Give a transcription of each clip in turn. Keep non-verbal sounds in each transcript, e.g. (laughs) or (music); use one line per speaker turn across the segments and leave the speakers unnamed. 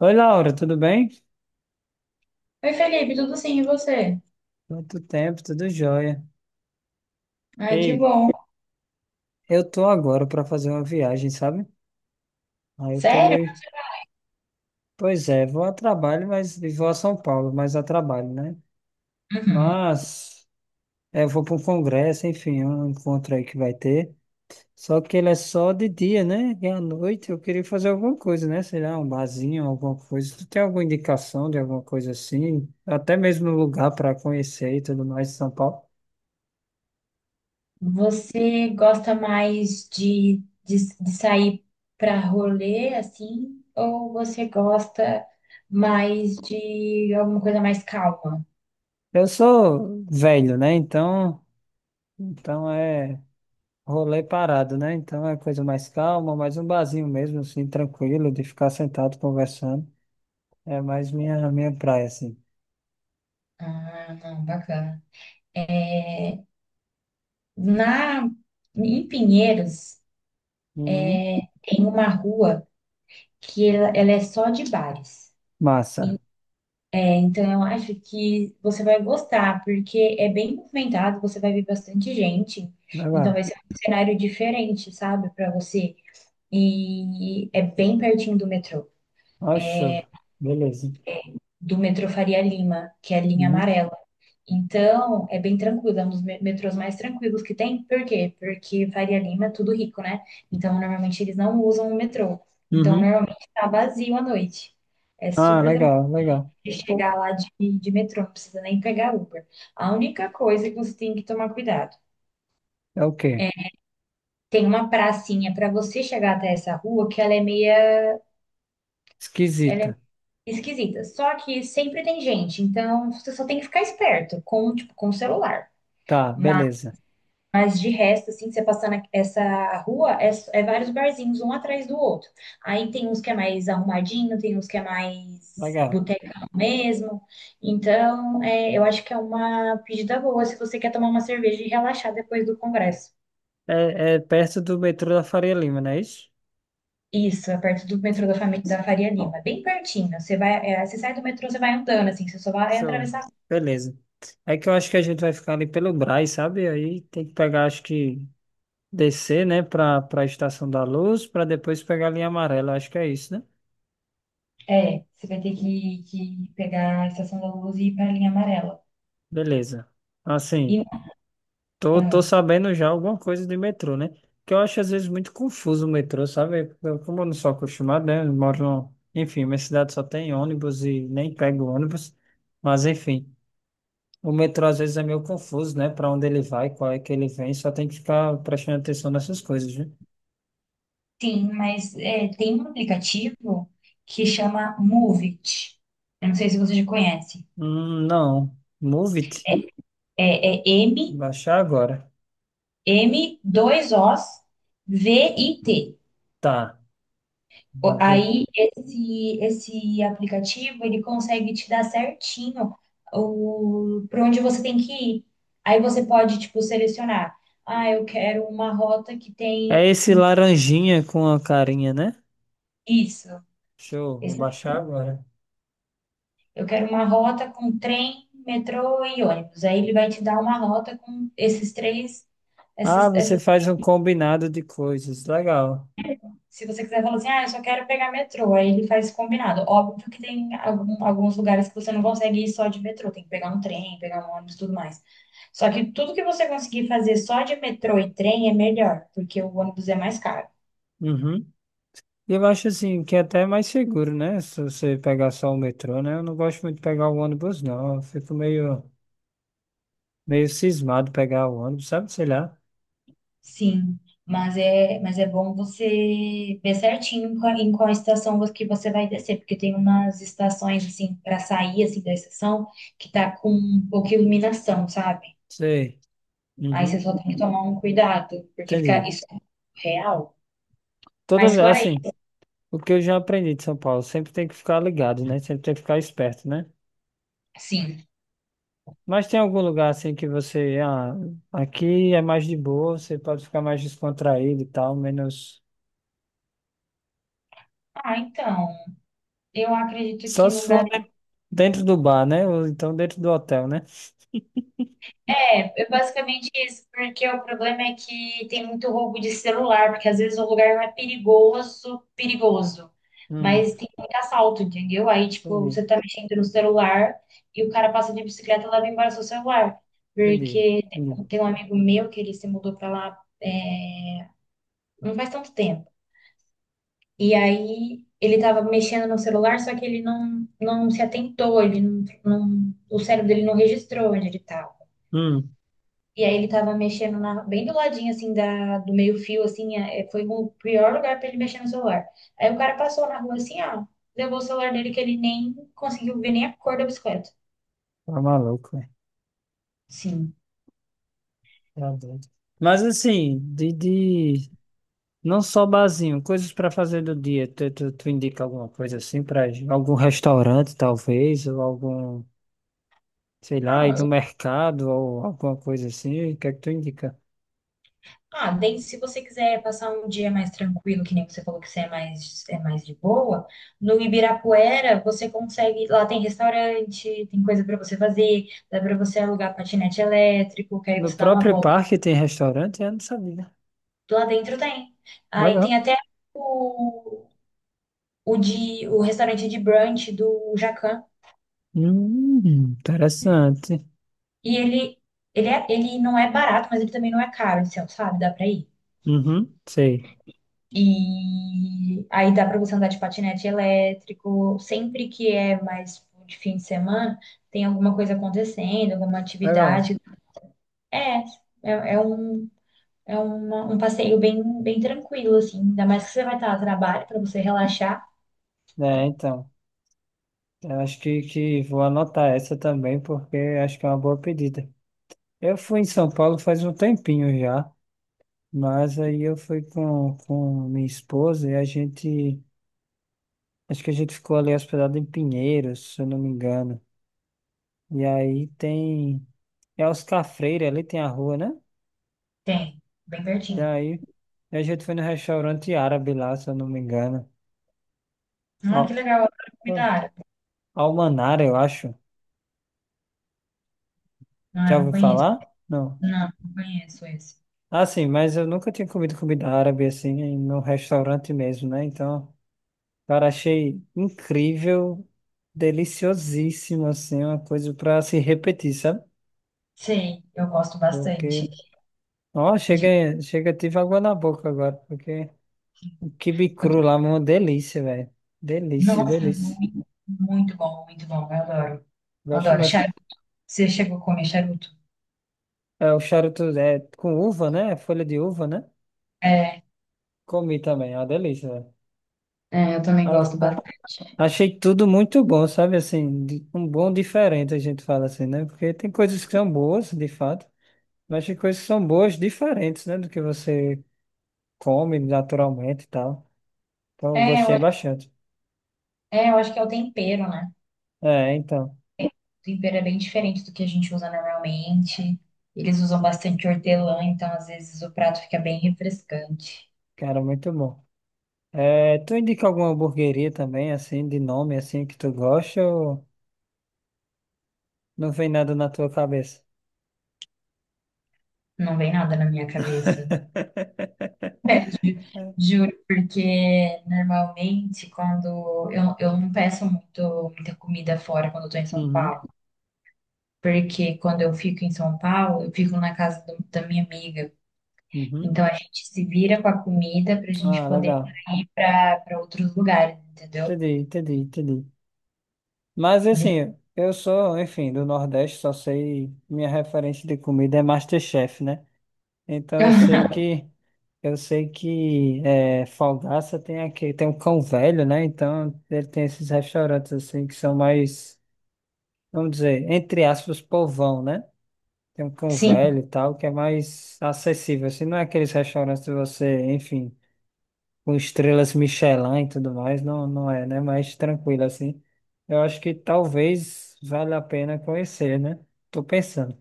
Oi, Laura, tudo bem?
Oi, Felipe, tudo sim, e você?
Quanto tempo, tudo jóia.
Ai, que
Ei,
bom.
eu tô agora para fazer uma viagem, sabe? Aí eu tô
Sério?
meio. Pois é, vou a trabalho, mas e vou a São Paulo, mas a trabalho, né?
Uhum.
Mas é, eu vou para um congresso, enfim, um encontro aí que vai ter. Só que ele é só de dia, né? E à noite eu queria fazer alguma coisa, né? Sei lá, um barzinho, alguma coisa. Tu tem alguma indicação de alguma coisa assim? Até mesmo um lugar para conhecer e tudo mais em São Paulo.
Você gosta mais de sair pra rolê, assim, ou você gosta mais de alguma coisa mais calma?
Eu sou velho, né? Então. Então é rolê parado, né? Então é coisa mais calma, mais um barzinho mesmo, assim, tranquilo, de ficar sentado conversando. É mais minha praia, assim.
Ah, não, bacana. Na, Em Pinheiros,
Uhum.
tem uma rua que ela é só de bares.
Massa.
É, então, eu acho que você vai gostar, porque é bem movimentado, você vai ver bastante gente. Então,
Legal.
vai ser um cenário diferente, sabe, para você. E é bem pertinho do metrô,
Ó, show. Beleza.
do metrô Faria Lima, que é a linha
Uhum.
amarela. Então, é bem tranquilo, é um dos metrôs mais tranquilos que tem. Por quê? Porque Faria Lima é tudo rico, né? Então, normalmente eles não usam o metrô. Então,
Uhum.
normalmente tá vazio à noite. É
Ah,
super
legal, legal.
de
Pô,
chegar lá de metrô, não precisa nem pegar Uber. A única coisa que você tem que tomar cuidado.
é o quê?
Tem uma pracinha para você chegar até essa rua que ela é meia
Esquisita.
esquisita. Só que sempre tem gente, então você só tem que ficar esperto com, tipo, com o celular.
Tá,
Mas
beleza.
Mas de resto, assim, você passando essa rua, é vários barzinhos, um atrás do outro. Aí tem uns que é mais arrumadinho, tem uns que é mais
Legal.
botecão mesmo. Então, é, eu acho que é uma pedida boa se você quer tomar uma cerveja e relaxar depois do congresso.
É, é perto do metrô da Faria Lima, não é isso?
Isso, é perto do metrô da Faria Lima, bem pertinho. Você vai, você sai do metrô, você vai andando, assim, você só vai
Show.
atravessar.
Beleza. É que eu acho que a gente vai ficar ali pelo Brás, sabe? Aí tem que pegar, acho que descer, né, para a Estação da Luz, para depois pegar a linha amarela. Acho que é isso, né?
É, você vai ter que pegar a Estação da Luz e ir para a linha amarela.
Beleza. Assim,
E,
tô,
ah,
tô sabendo já alguma coisa de metrô, né? Que eu acho às vezes muito confuso o metrô, sabe? Eu, como eu não sou acostumado, né? Eu moro no... Enfim, minha cidade só tem ônibus e nem pego ônibus. Mas enfim, o metrô às vezes é meio confuso, né? Para onde ele vai, qual é que ele vem, só tem que ficar prestando atenção nessas coisas, né?
sim, mas é, tem um aplicativo que chama Moovit. Eu não sei se você já conhece.
Não. Move it.
É M,
Baixar agora.
M2Os VIT.
Tá. Vou ver.
Aí esse aplicativo ele consegue te dar certinho o para onde você tem que ir. Aí você pode tipo selecionar, ah, eu quero uma rota que tem
É esse laranjinha com a carinha, né?
isso.
Show, vou baixar agora.
Eu quero uma rota com trem, metrô e ônibus. Aí ele vai te dar uma rota com esses três,
Ah,
esses,
você
essas,
faz um combinado de coisas, legal.
se você quiser falar assim, ah, eu só quero pegar metrô, aí ele faz combinado. Óbvio que tem alguns lugares que você não consegue ir só de metrô, tem que pegar um trem, pegar um ônibus, e tudo mais. Só que tudo que você conseguir fazer só de metrô e trem é melhor, porque o ônibus é mais caro.
Uhum. E eu acho assim que é até mais seguro, né? Se você pegar só o metrô, né? Eu não gosto muito de pegar o ônibus, não. Eu fico meio, meio cismado pegar o ônibus, sabe? Sei lá.
Sim, mas é bom você ver certinho em qual estação que você vai descer, porque tem umas estações assim para sair assim da estação que tá com pouca iluminação, sabe?
Sei.
Aí você
Uhum.
só tem que tomar um cuidado, porque fica
Entendi.
isso é real.
Toda
Mas
vez,
fora aí,
assim, o que eu já aprendi de São Paulo, sempre tem que ficar ligado, né? Sempre tem que ficar esperto, né?
sim.
Mas tem algum lugar assim que você, ah, aqui é mais de boa, você pode ficar mais descontraído e tal, menos.
Ah, então, eu acredito
Só
que
se
no
for den- dentro do bar, né? Ou então dentro do hotel, né?
É basicamente isso, porque o problema é que tem muito roubo de celular, porque às vezes o lugar não é perigoso, perigoso,
Hum,
mas tem muito assalto, entendeu? Aí, tipo,
entendi,
você tá mexendo no celular e o cara passa de bicicleta e leva embora seu celular.
entendi,
Porque tem
entendi.
tem um amigo meu que ele se mudou pra lá, é, não faz tanto tempo. E aí ele tava mexendo no celular, só que ele não se atentou, ele não, não- o cérebro dele não registrou onde ele tava.
Hum,
E aí ele tava mexendo bem do ladinho, assim, do meio-fio, assim, foi o pior lugar pra ele mexer no celular. Aí o cara passou na rua, assim, ó, levou o celular dele que ele nem conseguiu ver nem a cor da bicicleta.
tá maluco, velho.
Sim.
Tá doido. Mas assim, de não só barzinho, coisas para fazer do dia. Tu indica alguma coisa assim para algum restaurante, talvez, ou algum, sei
Ah,
lá, ir do mercado ou alguma coisa assim. O que é que tu indica?
ah, daí se você quiser passar um dia mais tranquilo, que nem você falou que você é mais, de boa, no Ibirapuera você consegue, lá tem restaurante, tem coisa pra você fazer, dá pra você alugar patinete elétrico, que aí
No
você dá uma
próprio
volta.
parque tem restaurante? Eu não sabia.
Lá dentro tem. Aí tem
Legal.
até o o restaurante de brunch do Jacan.
Hum, Interessante.
E ele não é barato, mas ele também não é caro, assim, sabe? Dá pra ir.
Uhum, sei.
E aí dá pra você andar de patinete elétrico. Sempre que é mais de fim de semana, tem alguma coisa acontecendo, alguma
Legal.
atividade. É, é, é um. É um passeio bem, bem tranquilo, assim. Ainda mais que você vai estar a trabalho para você relaxar.
É, então. Eu acho que vou anotar essa também, porque acho que é uma boa pedida. Eu fui em São Paulo faz um tempinho já, mas aí eu fui com minha esposa e a gente. Acho que a gente ficou ali hospedado em Pinheiros, se eu não me engano. E aí tem. É Oscar Freire, ali tem a rua, né?
Tem, bem
E
pertinho.
aí, a gente foi no restaurante árabe lá, se eu não me engano.
Ah, que
Al,
legal, eu adoro comida
Pô,
árabe.
Almanar, eu acho.
Não, eu
Já
não
ouviu
conheço.
falar? Não.
Não, não conheço esse.
Ah, sim, mas eu nunca tinha comido comida árabe assim, no restaurante mesmo, né? Então, cara, achei incrível, deliciosíssimo, assim, uma coisa pra se repetir, sabe?
Sei, eu gosto
Porque,
bastante.
ó,
De...
chega, chega, tive água na boca agora, porque o quibe cru lá, é uma delícia, velho. Delícia,
Nossa,
delícia.
muito, muito bom, muito bom. Eu adoro. Eu
Gosto
adoro.
mais.
Charuto. Você chegou a comer charuto?
É o charuto é, com uva, né? Folha de uva, né?
É,
Comi também, é uma delícia, velho.
é, eu também
A-
gosto
a-
bastante.
Achei tudo muito bom, sabe? Assim, de um bom diferente, a gente fala assim, né? Porque tem coisas que são boas, de fato, mas tem coisas que são boas diferentes, né? Do que você come naturalmente e tal. Então, eu
é,
gostei
eu,
bastante.
eu acho que é o tempero, né?
É, então,
O tempero é bem diferente do que a gente usa normalmente. Eles usam bastante hortelã, então às vezes o prato fica bem refrescante.
cara, muito bom. É, tu indica alguma hamburgueria também, assim, de nome, assim, que tu gosta ou não vem nada na tua cabeça?
Não vem nada na minha cabeça.
(laughs)
Juro, porque normalmente quando eu não peço muito, muita comida fora quando eu tô em São
Uhum.
Paulo. Porque quando eu fico em São Paulo, eu fico na casa da minha amiga.
Uhum.
Então a gente se vira com a comida pra gente
Ah,
poder
legal.
ir pra para outros lugares, entendeu?
Entendi, entendi, entendi. Mas
A gente...
assim, eu sou, enfim, do Nordeste, só sei, minha referência de comida é MasterChef, né? Então
(laughs)
eu sei que é, Falgaça tem aqui, tem um cão velho, né? Então ele tem esses restaurantes assim que são mais, vamos dizer, entre aspas, povão, né? Tem um cão
Sim,
velho e tal, que é mais acessível, assim, não é aqueles restaurantes que você, enfim, com estrelas Michelin e tudo mais, não, não é, né? Mais tranquilo assim. Eu acho que talvez valha a pena conhecer, né? Tô pensando,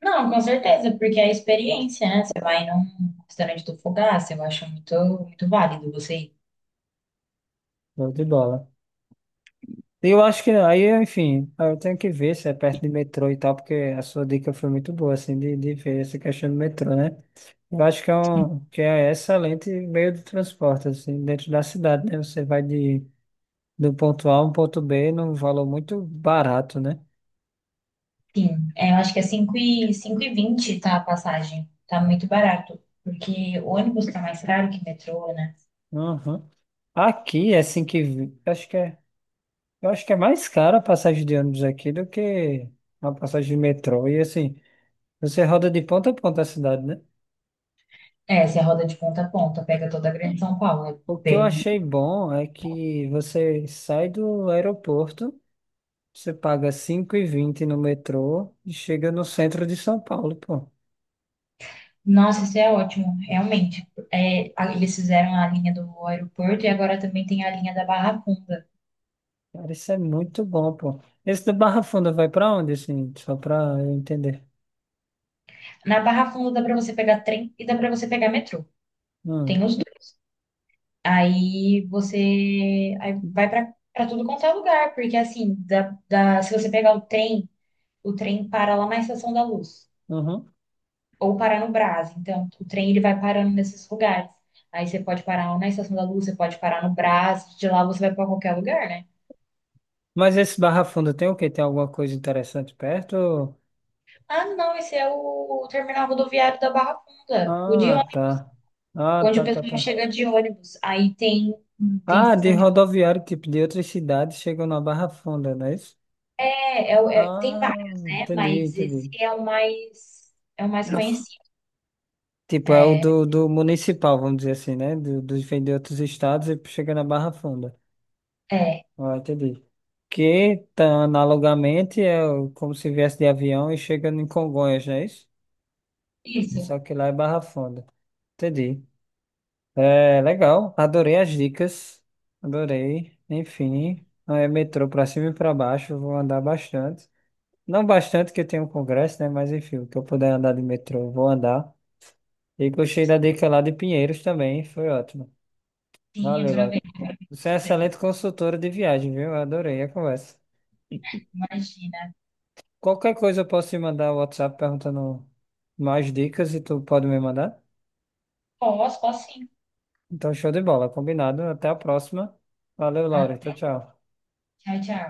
não, com certeza, porque é a experiência, né? Você vai num restaurante do Fogaça, eu acho muito, muito válido você ir.
show de bola. E eu acho que aí, enfim, eu tenho que ver se é perto de metrô e tal, porque a sua dica foi muito boa, assim, de ver essa questão do metrô, né? Eu acho que é um, que é excelente meio de transporte, assim, dentro da cidade, né? Você vai de, do ponto A a um ponto B num valor muito barato, né?
Sim, é, eu acho que é 5 e 20 tá a passagem. Tá muito barato, porque o ônibus tá mais caro que metrô, né?
Uhum. Aqui, assim que. Acho que é. Eu acho que é mais cara a passagem de ônibus aqui do que a passagem de metrô. E assim, você roda de ponta a ponta a cidade, né?
É, você roda de ponta a ponta, pega toda a Grande São Paulo, é
O que eu
bem.
achei bom é que você sai do aeroporto, você paga 5,20 no metrô e chega no centro de São Paulo, pô.
Nossa, isso é ótimo, realmente. É, eles fizeram a linha do aeroporto e agora também tem a linha da Barra Funda.
Cara, isso é muito bom, pô. Esse do Barra Funda vai pra onde, assim? Só pra eu entender.
Na Barra Funda dá para você pegar trem e dá para você pegar metrô. Tem
Hum.
os dois. Aí você aí vai para tudo quanto é lugar, porque assim, se você pegar o trem para lá na Estação da Luz
Uhum.
ou para no Brás. Então, o trem ele vai parando nesses lugares. Aí você pode parar na Estação da Luz, você pode parar no Brás, de lá você vai para qualquer lugar, né?
Mas esse Barra Funda tem o quê? Tem alguma coisa interessante perto?
Ah, não, esse é o terminal rodoviário da Barra Funda, o de
Ah,
ônibus,
tá. Ah,
onde o
tá, tá,
pessoal
tá.
chega de ônibus. Aí tem
Ah, de
estação de.
rodoviário, tipo, de outras cidades chegam na Barra Funda, não é isso?
Tem
Ah,
vários, né?
entendi,
Mas esse
entendi.
é o mais, conhecido.
Tipo, é o do, do municipal, vamos dizer assim, né? Do, dos vem de outros estados e chega na Barra Funda.
É,
Ah, entendi. Que, tá, analogamente, é o como se viesse de avião e chega em Congonhas, não é isso?
isso.
Só que lá é Barra Funda. Entendi. É, legal. Adorei as dicas. Adorei. Enfim, é metrô pra cima e pra baixo. Vou andar bastante. Não bastante que eu tenho um congresso, né? Mas enfim, o que eu puder andar de metrô, eu vou andar. E gostei da dica lá de Pinheiros também, foi ótimo.
Sim,
Valeu,
aproveita.
Laura. Você é
Aproveita.
excelente consultora de viagem, viu? Eu adorei a conversa.
Imagina.
Qualquer coisa eu posso te mandar o WhatsApp perguntando mais dicas e tu pode me mandar?
Posso, posso sim.
Então, show de bola, combinado. Até a próxima. Valeu,
Ah,
Laura. Tchau, tchau.
tchau, tchau.